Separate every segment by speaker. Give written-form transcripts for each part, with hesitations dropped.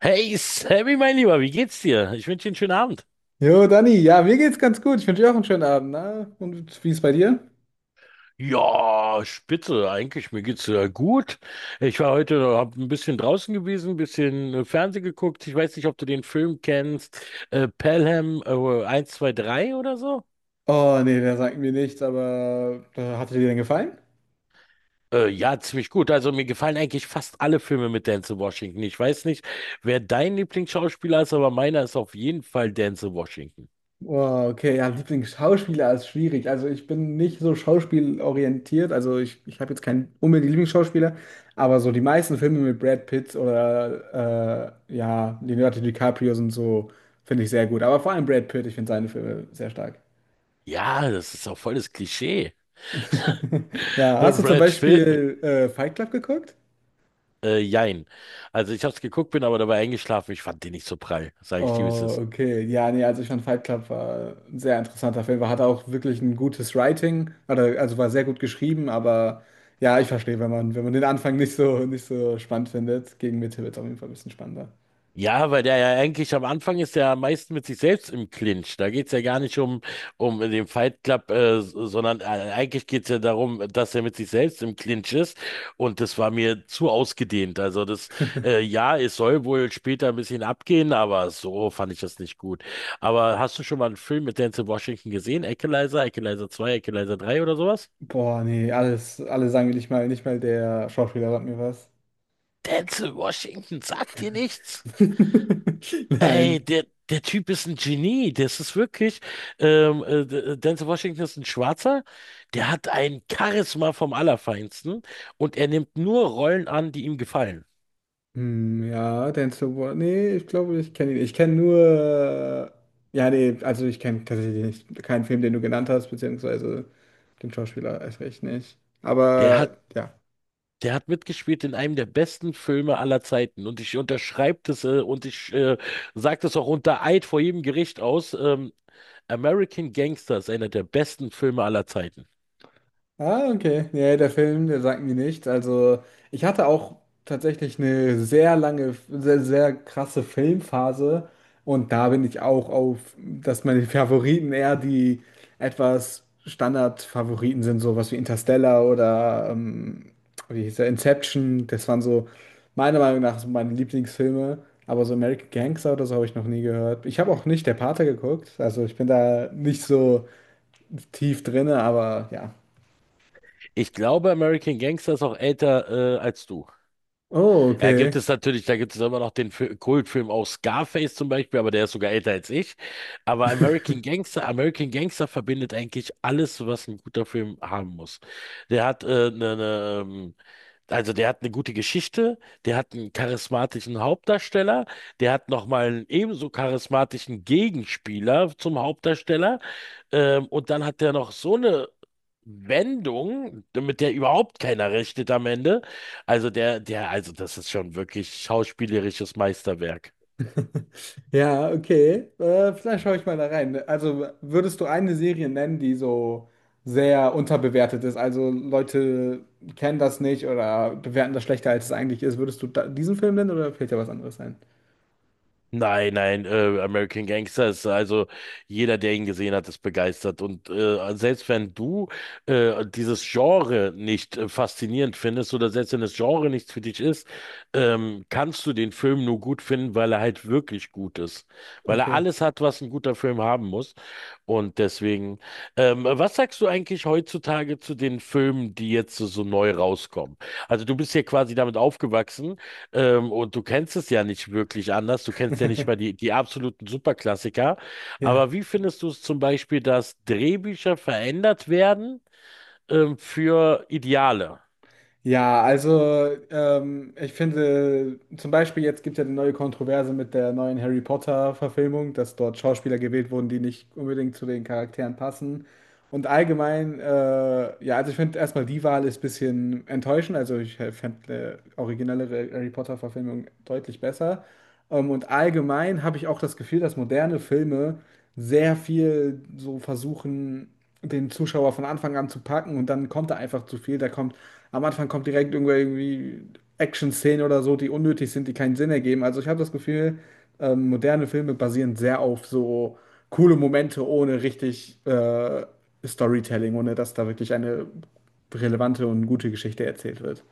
Speaker 1: Hey Sammy, mein Lieber, wie geht's dir? Ich wünsche dir einen schönen Abend.
Speaker 2: Jo, Dani, ja, mir geht's ganz gut. Ich wünsche dir auch einen schönen Abend, ne? Und wie ist bei dir?
Speaker 1: Ja, spitze, eigentlich, mir geht's gut. Ich war heute, hab ein bisschen draußen gewesen, ein bisschen Fernsehen geguckt. Ich weiß nicht, ob du den Film kennst, Pelham 1, 2, 3 oder so.
Speaker 2: Oh, nee, der sagt mir nichts, aber hat dir denn gefallen?
Speaker 1: Ja, ziemlich gut. Also mir gefallen eigentlich fast alle Filme mit Denzel Washington. Ich weiß nicht, wer dein Lieblingsschauspieler ist, aber meiner ist auf jeden Fall Denzel Washington.
Speaker 2: Oh, okay, ja, Lieblingsschauspieler ist schwierig. Also ich bin nicht so schauspielorientiert. Also ich habe jetzt keinen unbedingt Lieblingsschauspieler, aber so die meisten Filme mit Brad Pitt oder ja, Leonardo DiCaprio sind so, finde ich sehr gut. Aber vor allem Brad Pitt, ich finde seine Filme sehr stark.
Speaker 1: Ja, das ist auch volles Klischee.
Speaker 2: Ja, hast du zum
Speaker 1: Brad Pitt.
Speaker 2: Beispiel Fight Club geguckt?
Speaker 1: Jein. Also ich habe es geguckt, bin aber dabei eingeschlafen. Ich fand den nicht so prall, sage ich dir, wie es
Speaker 2: Oh,
Speaker 1: ist.
Speaker 2: okay. Ja, nee, also ich fand Fight Club war ein sehr interessanter Film. Er hatte auch wirklich ein gutes Writing, oder, also war sehr gut geschrieben, aber ja, ich verstehe, wenn man den Anfang nicht so, nicht so spannend findet. Gegen Mitte wird es auf jeden Fall ein bisschen spannender.
Speaker 1: Ja, weil der ja eigentlich am Anfang ist der am meisten mit sich selbst im Clinch. Da geht's ja gar nicht um den Fight Club, sondern eigentlich geht's ja darum, dass er mit sich selbst im Clinch ist. Und das war mir zu ausgedehnt. Also ja, es soll wohl später ein bisschen abgehen, aber so fand ich das nicht gut. Aber hast du schon mal einen Film mit Denzel Washington gesehen? Equalizer, Equalizer zwei, Equalizer drei oder sowas?
Speaker 2: Boah, nee, alles, alle sagen mir nicht mal, nicht mal der Schauspieler sagt mir was.
Speaker 1: Denzel Washington sagt dir nichts?
Speaker 2: Nein.
Speaker 1: Ey, der Typ ist ein Genie. Das ist wirklich. Denzel Washington ist ein Schwarzer. Der hat ein Charisma vom Allerfeinsten und er nimmt nur Rollen an, die ihm gefallen.
Speaker 2: Hm, ja, Denzel Washington. Nee, ich glaube, ich kenne ihn. Ich kenne nur. Ja, nee, also ich kenne tatsächlich nicht, keinen Film, den du genannt hast, beziehungsweise den Schauspieler erst recht nicht.
Speaker 1: Der hat
Speaker 2: Aber ja.
Speaker 1: Der hat mitgespielt in einem der besten Filme aller Zeiten. Und ich unterschreibe das und ich sage das auch unter Eid vor jedem Gericht aus. American Gangster ist einer der besten Filme aller Zeiten.
Speaker 2: Ah, okay. Nee, der Film, der sagt mir nichts. Also, ich hatte auch tatsächlich eine sehr lange, sehr, sehr krasse Filmphase. Und da bin ich auch auf, dass meine Favoriten eher die etwas Standard-Favoriten sind, sowas wie Interstellar oder, wie hieß der, Inception. Das waren so, meiner Meinung nach, so meine Lieblingsfilme. Aber so American Gangster oder so habe ich noch nie gehört. Ich habe auch nicht Der Pate geguckt. Also, ich bin da nicht so tief drinne, aber ja.
Speaker 1: Ich glaube, American Gangster ist auch älter als du.
Speaker 2: Oh,
Speaker 1: Ja,
Speaker 2: okay.
Speaker 1: gibt es natürlich, da gibt es immer noch den Kultfilm auch Scarface zum Beispiel, aber der ist sogar älter als ich. Aber American Gangster verbindet eigentlich alles, was ein guter Film haben muss. Der hat ne, ne, Also der hat eine gute Geschichte, der hat einen charismatischen Hauptdarsteller, der hat nochmal einen ebenso charismatischen Gegenspieler zum Hauptdarsteller, und dann hat der noch so eine Wendung, mit der überhaupt keiner rechnet am Ende. Also also das ist schon wirklich schauspielerisches Meisterwerk.
Speaker 2: Ja, okay. Vielleicht schaue ich mal da rein. Also würdest du eine Serie nennen, die so sehr unterbewertet ist? Also Leute kennen das nicht oder bewerten das schlechter, als es eigentlich ist. Würdest du da diesen Film nennen oder fällt dir was anderes ein?
Speaker 1: Nein, nein, American Gangster ist also, jeder, der ihn gesehen hat, ist begeistert. Und selbst wenn du dieses Genre nicht faszinierend findest oder selbst wenn das Genre nichts für dich ist, kannst du den Film nur gut finden, weil er halt wirklich gut ist. Weil er
Speaker 2: Okay.
Speaker 1: alles hat, was ein guter Film haben muss. Und deswegen, was sagst du eigentlich heutzutage zu den Filmen, die jetzt so neu rauskommen? Also du bist ja quasi damit aufgewachsen. Und du kennst es ja nicht wirklich anders. Du kennst ja nicht mal die absoluten Superklassiker.
Speaker 2: Ja.
Speaker 1: Aber wie findest du es zum Beispiel, dass Drehbücher verändert werden, für Ideale?
Speaker 2: Ja, also ich finde, zum Beispiel jetzt gibt es ja eine neue Kontroverse mit der neuen Harry Potter-Verfilmung, dass dort Schauspieler gewählt wurden, die nicht unbedingt zu den Charakteren passen. Und allgemein, ja, also ich finde erstmal die Wahl ist ein bisschen enttäuschend. Also ich fände eine originellere Harry Potter-Verfilmung deutlich besser. Und allgemein habe ich auch das Gefühl, dass moderne Filme sehr viel so versuchen, den Zuschauer von Anfang an zu packen und dann kommt da einfach zu viel. Am Anfang kommt direkt irgendwo irgendwie Action-Szenen oder so, die unnötig sind, die keinen Sinn ergeben. Also ich habe das Gefühl, moderne Filme basieren sehr auf so coole Momente ohne richtig Storytelling, ohne dass da wirklich eine relevante und gute Geschichte erzählt wird.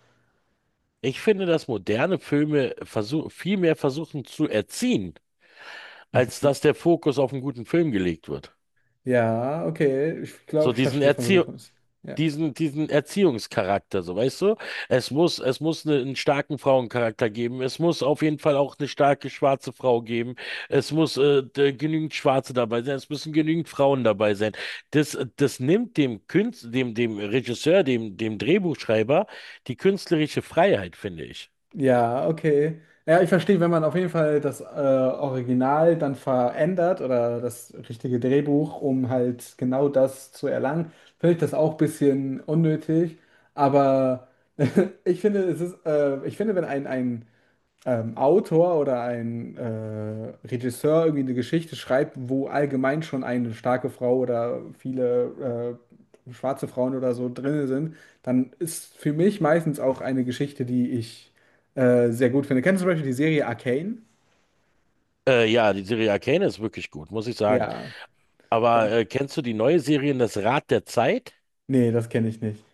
Speaker 1: Ich finde, dass moderne Filme viel mehr versuchen zu erziehen, als
Speaker 2: Mhm.
Speaker 1: dass der Fokus auf einen guten Film gelegt wird.
Speaker 2: Ja, okay. Ich
Speaker 1: So
Speaker 2: glaube, ich
Speaker 1: diesen
Speaker 2: verstehe, von wo du
Speaker 1: Erzie
Speaker 2: kommst. Ja.
Speaker 1: diesen, diesen Erziehungscharakter, so weißt du? Es muss einen starken Frauencharakter geben. Es muss auf jeden Fall auch eine starke schwarze Frau geben. Es muss genügend Schwarze dabei sein. Es müssen genügend Frauen dabei sein. Das nimmt dem Künstler, dem Regisseur, dem Drehbuchschreiber die künstlerische Freiheit, finde ich.
Speaker 2: Ja, okay. Ja, ich verstehe, wenn man auf jeden Fall das Original dann verändert oder das richtige Drehbuch, um halt genau das zu erlangen, finde ich das auch ein bisschen unnötig. Aber ich finde, es ist, ich finde, wenn ein Autor oder ein Regisseur irgendwie eine Geschichte schreibt, wo allgemein schon eine starke Frau oder viele schwarze Frauen oder so drin sind, dann ist für mich meistens auch eine Geschichte, die ich sehr gut finde. Kennst du zum Beispiel die Serie Arcane?
Speaker 1: Ja, die Serie Arcane ist wirklich gut, muss ich sagen.
Speaker 2: Ja.
Speaker 1: Aber
Speaker 2: Dann,
Speaker 1: kennst du die neue Serie, das Rad der Zeit?
Speaker 2: nee, das kenne ich nicht.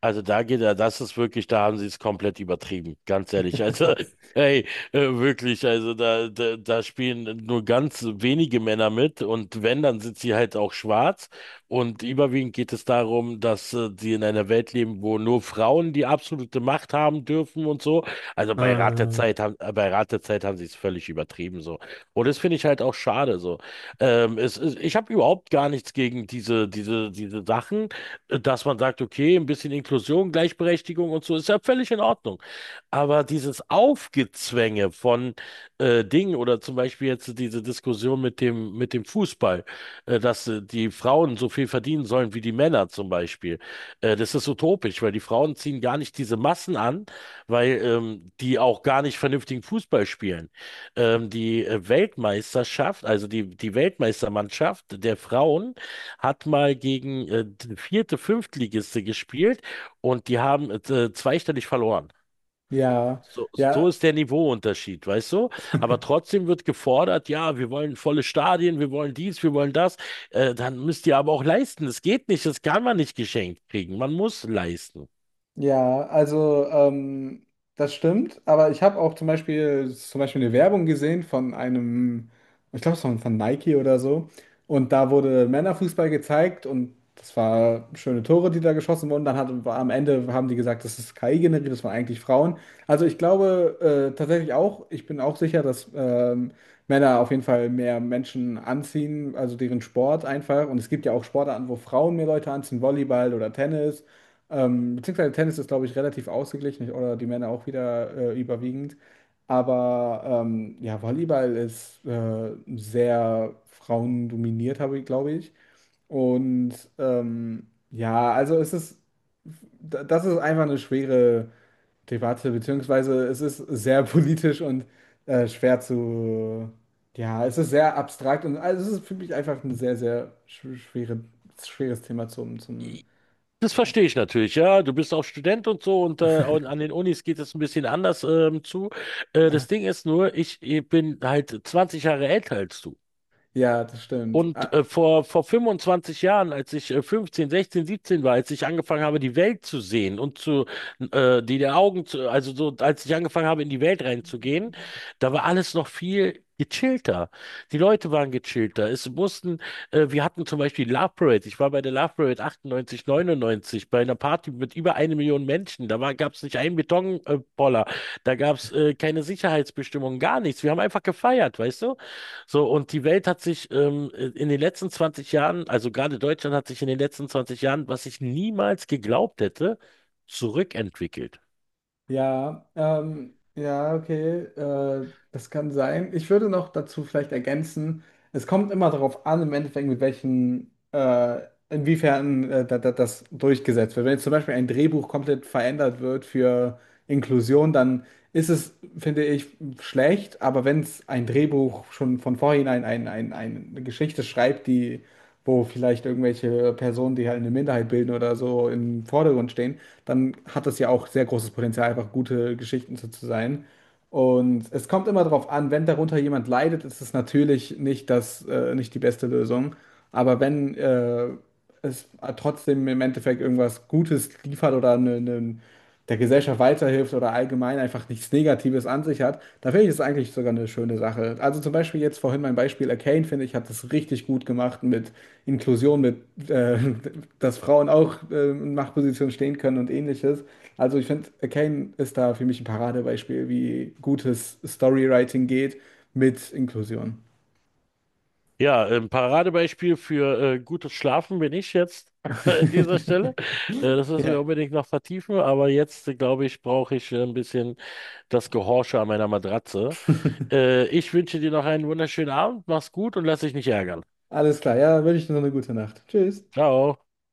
Speaker 1: Also da geht er, das ist wirklich, da haben sie es komplett übertrieben, ganz ehrlich. Also, hey, wirklich, also da spielen nur ganz wenige Männer mit, und wenn, dann sind sie halt auch schwarz. Und überwiegend geht es darum, dass sie in einer Welt leben, wo nur Frauen die absolute Macht haben dürfen und so. Also
Speaker 2: Äh,
Speaker 1: Bei Rat der Zeit haben sie es völlig übertrieben so. Und das finde ich halt auch schade so. Ich habe überhaupt gar nichts gegen diese Sachen, dass man sagt, okay, ein bisschen Inklusion, Gleichberechtigung und so ist ja völlig in Ordnung. Aber dieses Aufgezwänge von Dingen, oder zum Beispiel jetzt diese Diskussion mit dem Fußball, dass die Frauen so viel verdienen sollen wie die Männer zum Beispiel, das ist utopisch, weil die Frauen ziehen gar nicht diese Massen an, weil die auch gar nicht vernünftigen Fußball spielen. Die Weltmeisterschaft, also die Weltmeistermannschaft der Frauen, hat mal gegen die vierte, Fünftligiste gespielt, und die haben zweistellig verloren.
Speaker 2: ja,
Speaker 1: So, so
Speaker 2: ja.
Speaker 1: ist der Niveauunterschied, weißt du? Aber trotzdem wird gefordert, ja, wir wollen volle Stadien, wir wollen dies, wir wollen das. Dann müsst ihr aber auch leisten. Das geht nicht, das kann man nicht geschenkt kriegen. Man muss leisten.
Speaker 2: Ja, also das stimmt, aber ich habe auch zum Beispiel eine Werbung gesehen von einem, ich glaube, es war von Nike oder so. Und da wurde Männerfußball gezeigt und das war schöne Tore, die da geschossen wurden. Am Ende haben die gesagt, das ist KI generiert, das waren eigentlich Frauen. Also ich glaube tatsächlich auch, ich bin auch sicher, dass Männer auf jeden Fall mehr Menschen anziehen, also deren Sport einfach. Und es gibt ja auch Sportarten, wo Frauen mehr Leute anziehen, Volleyball oder Tennis. Beziehungsweise Tennis ist, glaube ich, relativ ausgeglichen oder die Männer auch wieder überwiegend. Aber ja, Volleyball ist sehr frauendominiert, habe ich, glaube ich. Und ja, also es ist, das ist einfach eine schwere Debatte, beziehungsweise es ist sehr politisch und schwer zu, ja, es ist sehr abstrakt und also es ist für mich einfach ein sehr, sehr schwere, schweres Thema zum, zum,
Speaker 1: Das verstehe ich natürlich, ja. Du bist auch Student und so, und an den Unis geht es ein bisschen anders zu. Das Ding ist nur, ich bin halt 20 Jahre älter als du.
Speaker 2: ja, das stimmt.
Speaker 1: Und vor 25 Jahren, als ich 15, 16, 17 war, als ich angefangen habe, die Welt zu sehen und zu, die der Augen zu, also so, als ich angefangen habe, in die Welt reinzugehen, da war alles noch viel gechillter. Die Leute waren gechillter. Wir hatten zum Beispiel Love Parade. Ich war bei der Love Parade 98, 99 bei einer Party mit über eine Million Menschen. Da gab es nicht einen Betonpoller. Poller. Da gab es keine Sicherheitsbestimmungen, gar nichts. Wir haben einfach gefeiert, weißt du? So, und die Welt hat sich in den letzten 20 Jahren, also gerade Deutschland hat sich in den letzten 20 Jahren, was ich niemals geglaubt hätte, zurückentwickelt.
Speaker 2: Ja, ja, okay, das kann sein. Ich würde noch dazu vielleicht ergänzen, es kommt immer darauf an, im Endeffekt, mit welchen, inwiefern das durchgesetzt wird. Wenn jetzt zum Beispiel ein Drehbuch komplett verändert wird für Inklusion, dann ist es, finde ich, schlecht. Aber wenn es ein Drehbuch schon von vornherein eine Geschichte schreibt, die wo vielleicht irgendwelche Personen, die halt eine Minderheit bilden oder so, im Vordergrund stehen, dann hat das ja auch sehr großes Potenzial, einfach gute Geschichten zu sein. Und es kommt immer darauf an, wenn darunter jemand leidet, ist es natürlich nicht das, nicht die beste Lösung. Aber wenn es trotzdem im Endeffekt irgendwas Gutes liefert oder ne, ne, der Gesellschaft weiterhilft oder allgemein einfach nichts Negatives an sich hat, da finde ich es eigentlich sogar eine schöne Sache. Also zum Beispiel jetzt vorhin mein Beispiel Arcane, finde ich, hat das richtig gut gemacht mit Inklusion, mit äh, dass Frauen auch in Machtpositionen stehen können und ähnliches. Also ich finde, Arcane ist da für mich ein Paradebeispiel, wie gutes Storywriting geht mit Inklusion.
Speaker 1: Ja, ein Paradebeispiel für gutes Schlafen bin ich jetzt an dieser Stelle. Das müssen
Speaker 2: Ja.
Speaker 1: wir unbedingt noch vertiefen, aber jetzt, glaube ich, brauche ich ein bisschen das Gehorsche an meiner Matratze. Ich wünsche dir noch einen wunderschönen Abend, mach's gut und lass dich nicht ärgern.
Speaker 2: Alles klar, ja, wünsche ich dir noch eine gute Nacht. Tschüss.
Speaker 1: Ciao.